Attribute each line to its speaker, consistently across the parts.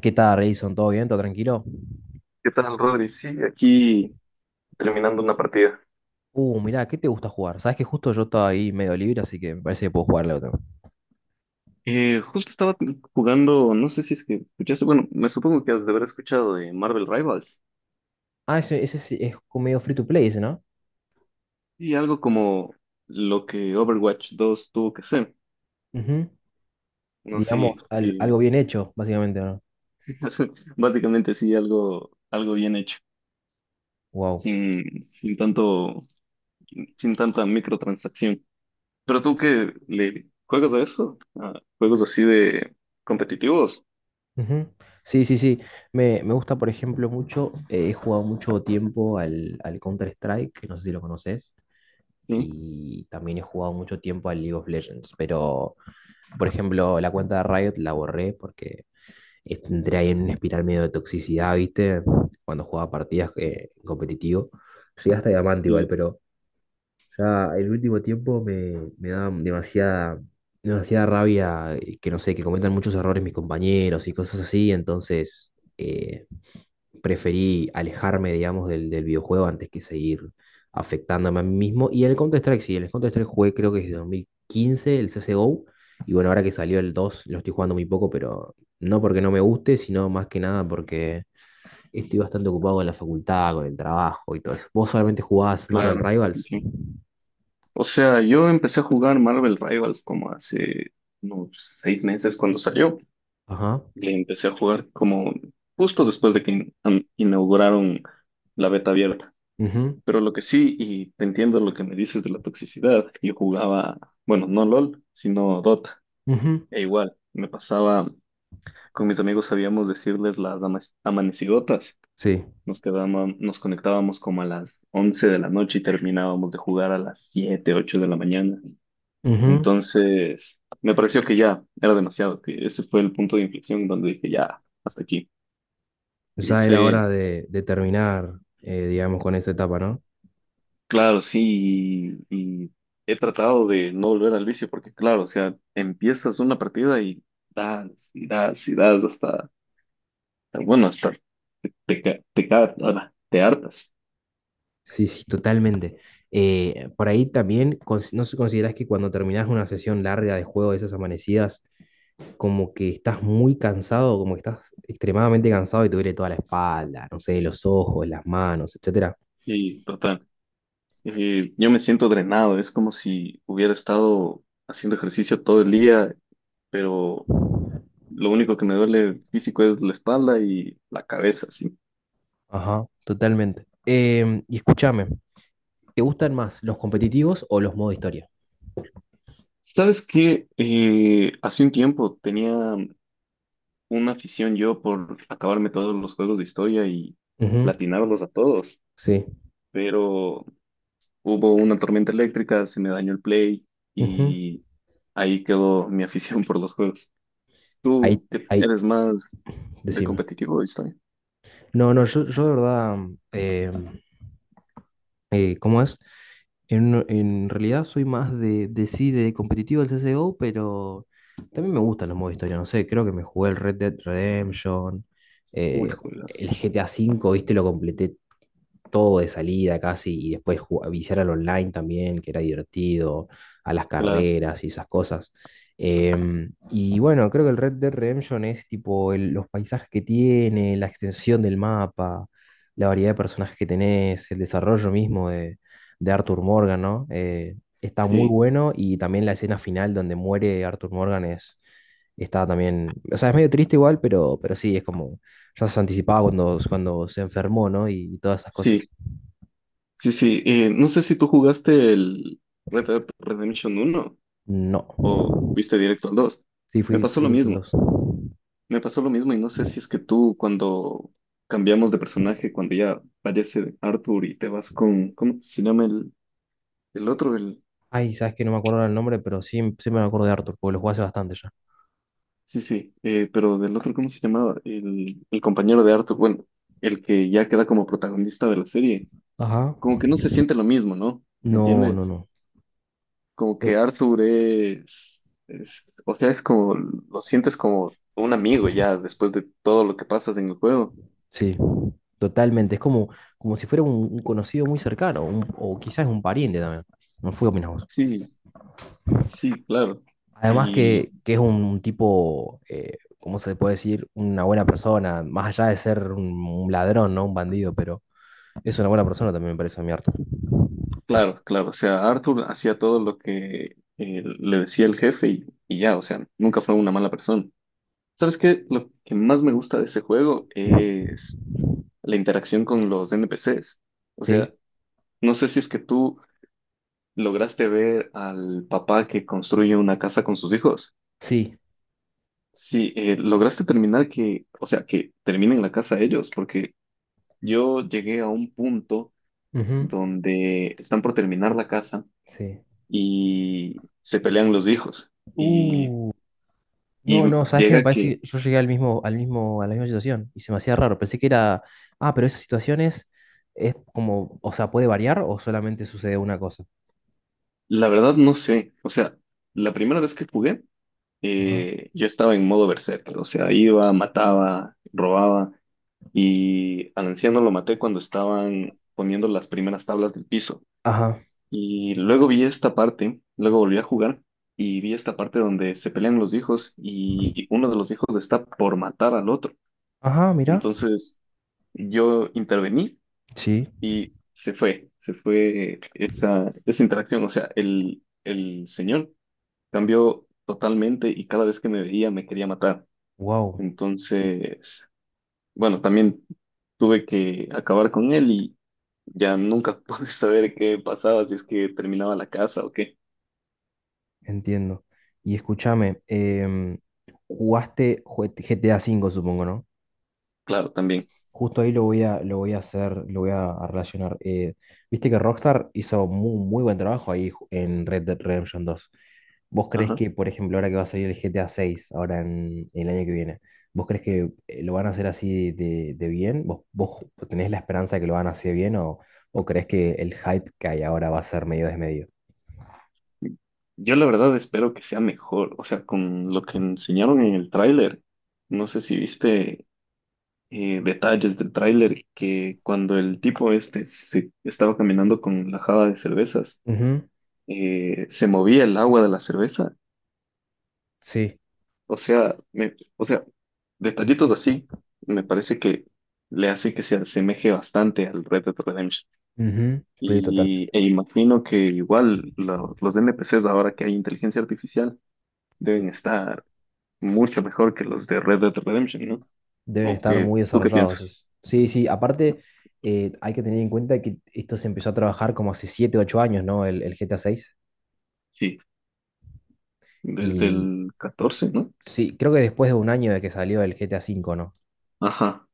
Speaker 1: ¿Qué tal, Edison? ¿Todo bien? ¿Todo tranquilo?
Speaker 2: ¿Qué tal, Rodri? Sí, aquí terminando una partida.
Speaker 1: Mirá, ¿qué te gusta jugar? Sabes que justo yo estaba ahí medio libre, así que me parece que puedo jugarle otro.
Speaker 2: Justo estaba jugando, no sé si es que escuchaste, bueno, me supongo que has de haber escuchado de Marvel Rivals
Speaker 1: Ah, ese sí es como medio free to play, ese, ¿no?
Speaker 2: y algo como lo que Overwatch 2 tuvo que ser.
Speaker 1: Ujú.
Speaker 2: No,
Speaker 1: Digamos,
Speaker 2: sí,
Speaker 1: algo bien hecho, básicamente, ¿no?
Speaker 2: básicamente sí, algo, algo bien hecho,
Speaker 1: Wow.
Speaker 2: sin tanto, sin tanta microtransacción. Pero tú que le juegas a eso, ¿a juegos así de competitivos?
Speaker 1: Ujú. Sí, sí, sí. Me gusta, por ejemplo, mucho. He jugado mucho tiempo al Counter-Strike, que no sé si lo conoces.
Speaker 2: Sí,
Speaker 1: Y también he jugado mucho tiempo al League of Legends. Pero, por ejemplo, la cuenta de Riot la borré porque entré ahí en una espiral medio de toxicidad, ¿viste? Cuando jugaba partidas competitivo. Llegué hasta diamante igual,
Speaker 2: sí,
Speaker 1: pero ya el último tiempo me da demasiada rabia que no sé, que cometan muchos errores mis compañeros y cosas así, entonces eh, preferí alejarme, digamos, del videojuego antes que seguir afectándome a mí mismo. Y el Counter-Strike, sí, el Counter-Strike jugué creo que desde 2015, el CSGO. Y bueno, ahora que salió el 2 lo estoy jugando muy poco, pero no porque no me guste, sino más que nada porque estoy bastante ocupado con la facultad, con el trabajo y todo eso. ¿Vos solamente jugabas Marvel
Speaker 2: claro,
Speaker 1: Rivals?
Speaker 2: sí, o sea, yo empecé a jugar Marvel Rivals como hace unos 6 meses cuando salió.
Speaker 1: Ajá.
Speaker 2: Le empecé a jugar como justo después de que inauguraron la beta abierta.
Speaker 1: Ujú,
Speaker 2: Pero lo que sí, y te entiendo lo que me dices de la toxicidad, yo jugaba, bueno, no LOL, sino Dota.
Speaker 1: ujú,
Speaker 2: E igual, me pasaba, con mis amigos sabíamos decirles las amanecidotas.
Speaker 1: sí.
Speaker 2: Nos quedábamos, nos conectábamos como a las 11 de la noche y terminábamos de jugar a las 7, 8 de la mañana.
Speaker 1: Ujú.
Speaker 2: Entonces, me pareció que ya era demasiado, que ese fue el punto de inflexión donde dije, ya, hasta aquí. No
Speaker 1: Ya
Speaker 2: sé,
Speaker 1: era hora de terminar, digamos, con esa etapa, ¿no?
Speaker 2: claro, sí, y he tratado de no volver al vicio porque, claro, o sea, empiezas una partida y das, y das, y das hasta, bueno, hasta ahora, te hartas.
Speaker 1: Sí, sí, totalmente. Por ahí también, ¿no se consideras que cuando terminas una sesión larga de juego de esas amanecidas, como que estás muy cansado, como que estás extremadamente cansado y te duele toda la espalda, no sé, los ojos, las manos, etcétera?
Speaker 2: Y total, yo me siento drenado, es como si hubiera estado haciendo ejercicio todo el día, pero lo único que me duele físico es la espalda y la cabeza, sí.
Speaker 1: Ajá, totalmente. Y escúchame, ¿te gustan más los competitivos o los modo historia?
Speaker 2: ¿Sabes qué? Hace un tiempo tenía una afición yo por acabarme todos los juegos de historia y
Speaker 1: Ujú,
Speaker 2: platinarlos a todos,
Speaker 1: sí.
Speaker 2: pero hubo una tormenta eléctrica, se me dañó el Play
Speaker 1: Ujú.
Speaker 2: y ahí quedó mi afición por los juegos.
Speaker 1: Ahí,
Speaker 2: ¿Tú qué-
Speaker 1: ahí,
Speaker 2: eres más de
Speaker 1: decime.
Speaker 2: competitivo o de historia?
Speaker 1: No, no, yo de verdad, em, ¿cómo es? En realidad soy más de sí, de competitivo del CSGO, pero también me gustan los modos de historia. No sé, creo que me jugué el Red Dead Redemption,
Speaker 2: Uy,
Speaker 1: eh,
Speaker 2: juegas.
Speaker 1: el GTA V, viste, lo completé todo de salida casi, y después viciar al online también, que era divertido, a las
Speaker 2: Claro,
Speaker 1: carreras y esas cosas. Y bueno, creo que el Red Dead Redemption es tipo los paisajes que tiene, la extensión del mapa, la variedad de personajes que tenés, el desarrollo mismo de Arthur Morgan, ¿no? Está muy
Speaker 2: sí,
Speaker 1: bueno y también la escena final donde muere Arthur Morgan es, está también, o sea, es medio triste igual, pero sí, es como ya se anticipaba cuando, cuando se enfermó, ¿no? Y todas esas
Speaker 2: sí,
Speaker 1: cosas.
Speaker 2: sí, sí. No sé si tú jugaste el Red Dead Redemption uno
Speaker 1: No.
Speaker 2: o fuiste directo al dos.
Speaker 1: Sí,
Speaker 2: Me
Speaker 1: fui,
Speaker 2: pasó
Speaker 1: fui
Speaker 2: lo
Speaker 1: directo al
Speaker 2: mismo,
Speaker 1: 2.
Speaker 2: me pasó lo mismo y no sé si es que tú cuando cambiamos de personaje, cuando ya fallece Arthur y te vas con, ¿cómo se llama el otro? El,
Speaker 1: Ay, sabes que no me acuerdo ahora el nombre, pero sí, sí me acuerdo de Arthur, porque lo jugué hace bastante ya.
Speaker 2: sí, sí, pero del otro, ¿cómo se llamaba? El compañero de Arthur, bueno, el que ya queda como protagonista de la serie,
Speaker 1: Ajá.
Speaker 2: como que no se siente lo mismo, ¿no? ¿Me
Speaker 1: No, no,
Speaker 2: entiendes?
Speaker 1: no.
Speaker 2: Como que
Speaker 1: To-
Speaker 2: Arthur es, o sea, es como, lo sientes como un amigo ya después de todo lo que pasas en el juego.
Speaker 1: sí, totalmente. Es como, como si fuera un conocido muy cercano, o quizás un pariente también. No fui opinás vos.
Speaker 2: Sí, sí, claro.
Speaker 1: Además
Speaker 2: Y
Speaker 1: que es un tipo, ¿cómo se puede decir? Una buena persona, más allá de ser un ladrón, ¿no? Un bandido, pero es una buena persona también me parece a mí, Arthur.
Speaker 2: claro, claro. O sea, Arthur hacía todo lo que le decía el jefe y ya, o sea, nunca fue una mala persona. ¿Sabes qué? Lo que más me gusta de ese juego
Speaker 1: Ujú.
Speaker 2: es la interacción con los NPCs. O
Speaker 1: Sí,
Speaker 2: sea, no sé si es que tú lograste ver al papá que construye una casa con sus hijos.
Speaker 1: sí,
Speaker 2: Sí, lograste terminar que, o sea, que terminen la casa ellos, porque yo llegué a un punto
Speaker 1: ujú,
Speaker 2: donde están por terminar la casa
Speaker 1: sí.
Speaker 2: y se pelean los hijos. Y,
Speaker 1: Uh, no, no, ¿sabes qué? Me
Speaker 2: llega que,
Speaker 1: parece que yo llegué al mismo, a la misma situación y se me hacía raro. Pensé que era, ah, pero esas situaciones es como, o sea, puede variar o solamente sucede una cosa.
Speaker 2: la verdad no sé, o sea, la primera vez que jugué,
Speaker 1: Ajá,
Speaker 2: yo estaba en modo berserker, o sea, iba, mataba, robaba, y al anciano lo maté cuando estaban poniendo las primeras tablas del piso.
Speaker 1: ajá,
Speaker 2: Y luego vi esta parte, luego volví a jugar. Y vi esta parte donde se pelean los hijos y uno de los hijos está por matar al otro.
Speaker 1: ajá, mira.
Speaker 2: Entonces yo intervení
Speaker 1: Sí,
Speaker 2: y se fue esa, esa interacción. O sea, el señor cambió totalmente y cada vez que me veía me quería matar.
Speaker 1: wow,
Speaker 2: Entonces, bueno, también tuve que acabar con él y ya nunca pude saber qué pasaba, si es que terminaba la casa o qué.
Speaker 1: entiendo. Y escúchame, jugaste G T A cinco, supongo, ¿no?
Speaker 2: Claro, también.
Speaker 1: Justo ahí lo voy a hacer, lo voy a relacionar. Viste que Rockstar hizo muy buen trabajo ahí en Red Dead Redemption dos. ¿Vos crees
Speaker 2: Ajá.
Speaker 1: que, por ejemplo, ahora que va a salir el GTA 6, ahora el año que viene, vos crees que lo van a hacer así de bien? ¿Vos, vos tenés la esperanza de que lo van a hacer bien o creés que el hype que hay ahora va a ser medio desmedido?
Speaker 2: Yo la verdad espero que sea mejor. O sea, con lo que enseñaron en el tráiler, no sé si viste detalles del tráiler que cuando el tipo este se estaba caminando con la java de cervezas,
Speaker 1: Ujú,
Speaker 2: se movía el agua de la cerveza.
Speaker 1: sí.
Speaker 2: O sea, o sea, detallitos así me parece que le hace que se asemeje bastante al Red Dead Redemption.
Speaker 1: Ujú, estoy.
Speaker 2: Y, e imagino que igual los NPCs ahora que hay inteligencia artificial deben estar mucho mejor que los de Red Dead Redemption, ¿no?
Speaker 1: Deben
Speaker 2: ¿O
Speaker 1: estar
Speaker 2: que
Speaker 1: muy
Speaker 2: tú qué
Speaker 1: desarrollados,
Speaker 2: piensas?
Speaker 1: decís. Sí, sí, aparte hay que tener en cuenta que esto se empezó a trabajar como hace 7, 8 años, ¿no? El GTA 6.
Speaker 2: Sí, desde
Speaker 1: Y
Speaker 2: el catorce, ¿no?
Speaker 1: sí, creo que después de un año de que salió el GTA 5, ¿no?
Speaker 2: Ajá.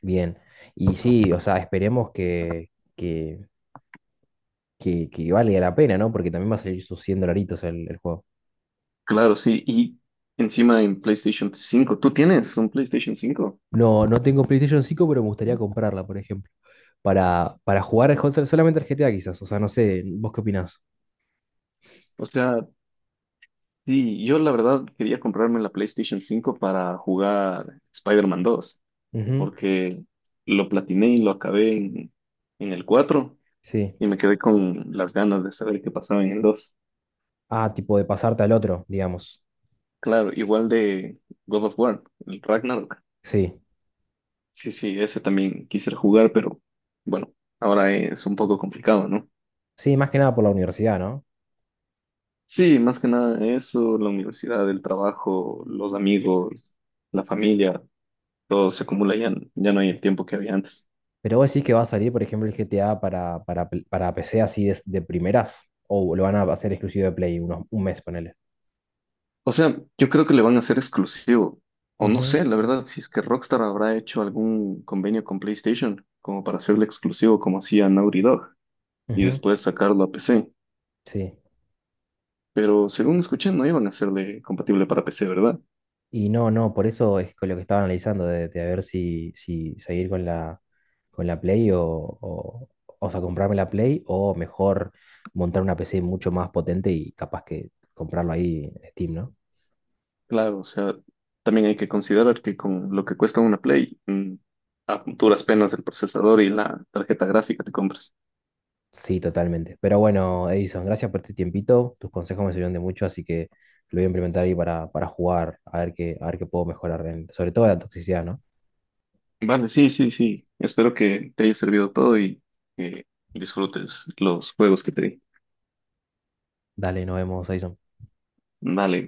Speaker 1: Bien. Y sí, o sea, esperemos que, que valga la pena, ¿no? Porque también va a salir sus 100 dolaritos el juego.
Speaker 2: Claro, sí, y encima en PlayStation 5. ¿Tú tienes un PlayStation 5?
Speaker 1: No, no tengo PlayStation 5, pero me gustaría comprarla, por ejemplo. Para jugar solamente al GTA quizás. O sea, no sé, ¿vos qué opinás?
Speaker 2: O sea, sí, yo la verdad quería comprarme la PlayStation 5 para jugar Spider-Man 2,
Speaker 1: Ujú,
Speaker 2: porque lo platiné y lo acabé en el 4
Speaker 1: sí.
Speaker 2: y me quedé con las ganas de saber qué pasaba en el dos.
Speaker 1: Ah, tipo de pasarte al otro, digamos.
Speaker 2: Claro, igual de God of War, el Ragnarok.
Speaker 1: Sí.
Speaker 2: Sí, sí, ese también quisiera jugar, pero bueno, ahora es un poco complicado, ¿no?
Speaker 1: Sí, más que nada por la universidad, ¿no?
Speaker 2: Sí, más que nada eso, la universidad, el trabajo, los amigos, la familia, todo se acumula, ya, ya no hay el tiempo que había antes.
Speaker 1: Pero vos decís que va a salir, por ejemplo, el GTA para, para PC así de primeras. O lo van a hacer exclusivo de Play unos, un mes, ponele.
Speaker 2: O sea, yo creo que le van a hacer exclusivo, o no
Speaker 1: Ujú,
Speaker 2: sé, la verdad, si es que Rockstar habrá hecho algún convenio con PlayStation como para hacerle exclusivo como hacía Naughty Dog y
Speaker 1: ujú,
Speaker 2: después sacarlo a PC.
Speaker 1: sí.
Speaker 2: Pero según escuché, no iban a hacerle compatible para PC, ¿verdad?
Speaker 1: Y no, no, por eso es con lo que estaba analizando, de a ver si, si seguir con la Play o sea, comprarme la Play o mejor montar una PC mucho más potente y capaz que comprarlo ahí en Steam, ¿no?
Speaker 2: Claro, o sea, también hay que considerar que con lo que cuesta una Play, a duras penas el procesador y la tarjeta gráfica te compras.
Speaker 1: Sí, totalmente. Pero bueno, Edison, gracias por este tiempito. Tus consejos me sirvieron de mucho, así que lo voy a implementar ahí para jugar, a ver qué puedo mejorar, sobre todo la toxicidad, ¿no?
Speaker 2: Vale, sí, sí, sí. Espero que te haya servido todo y que disfrutes los juegos que te di.
Speaker 1: Dale, nos vemos, Edison.
Speaker 2: Vale.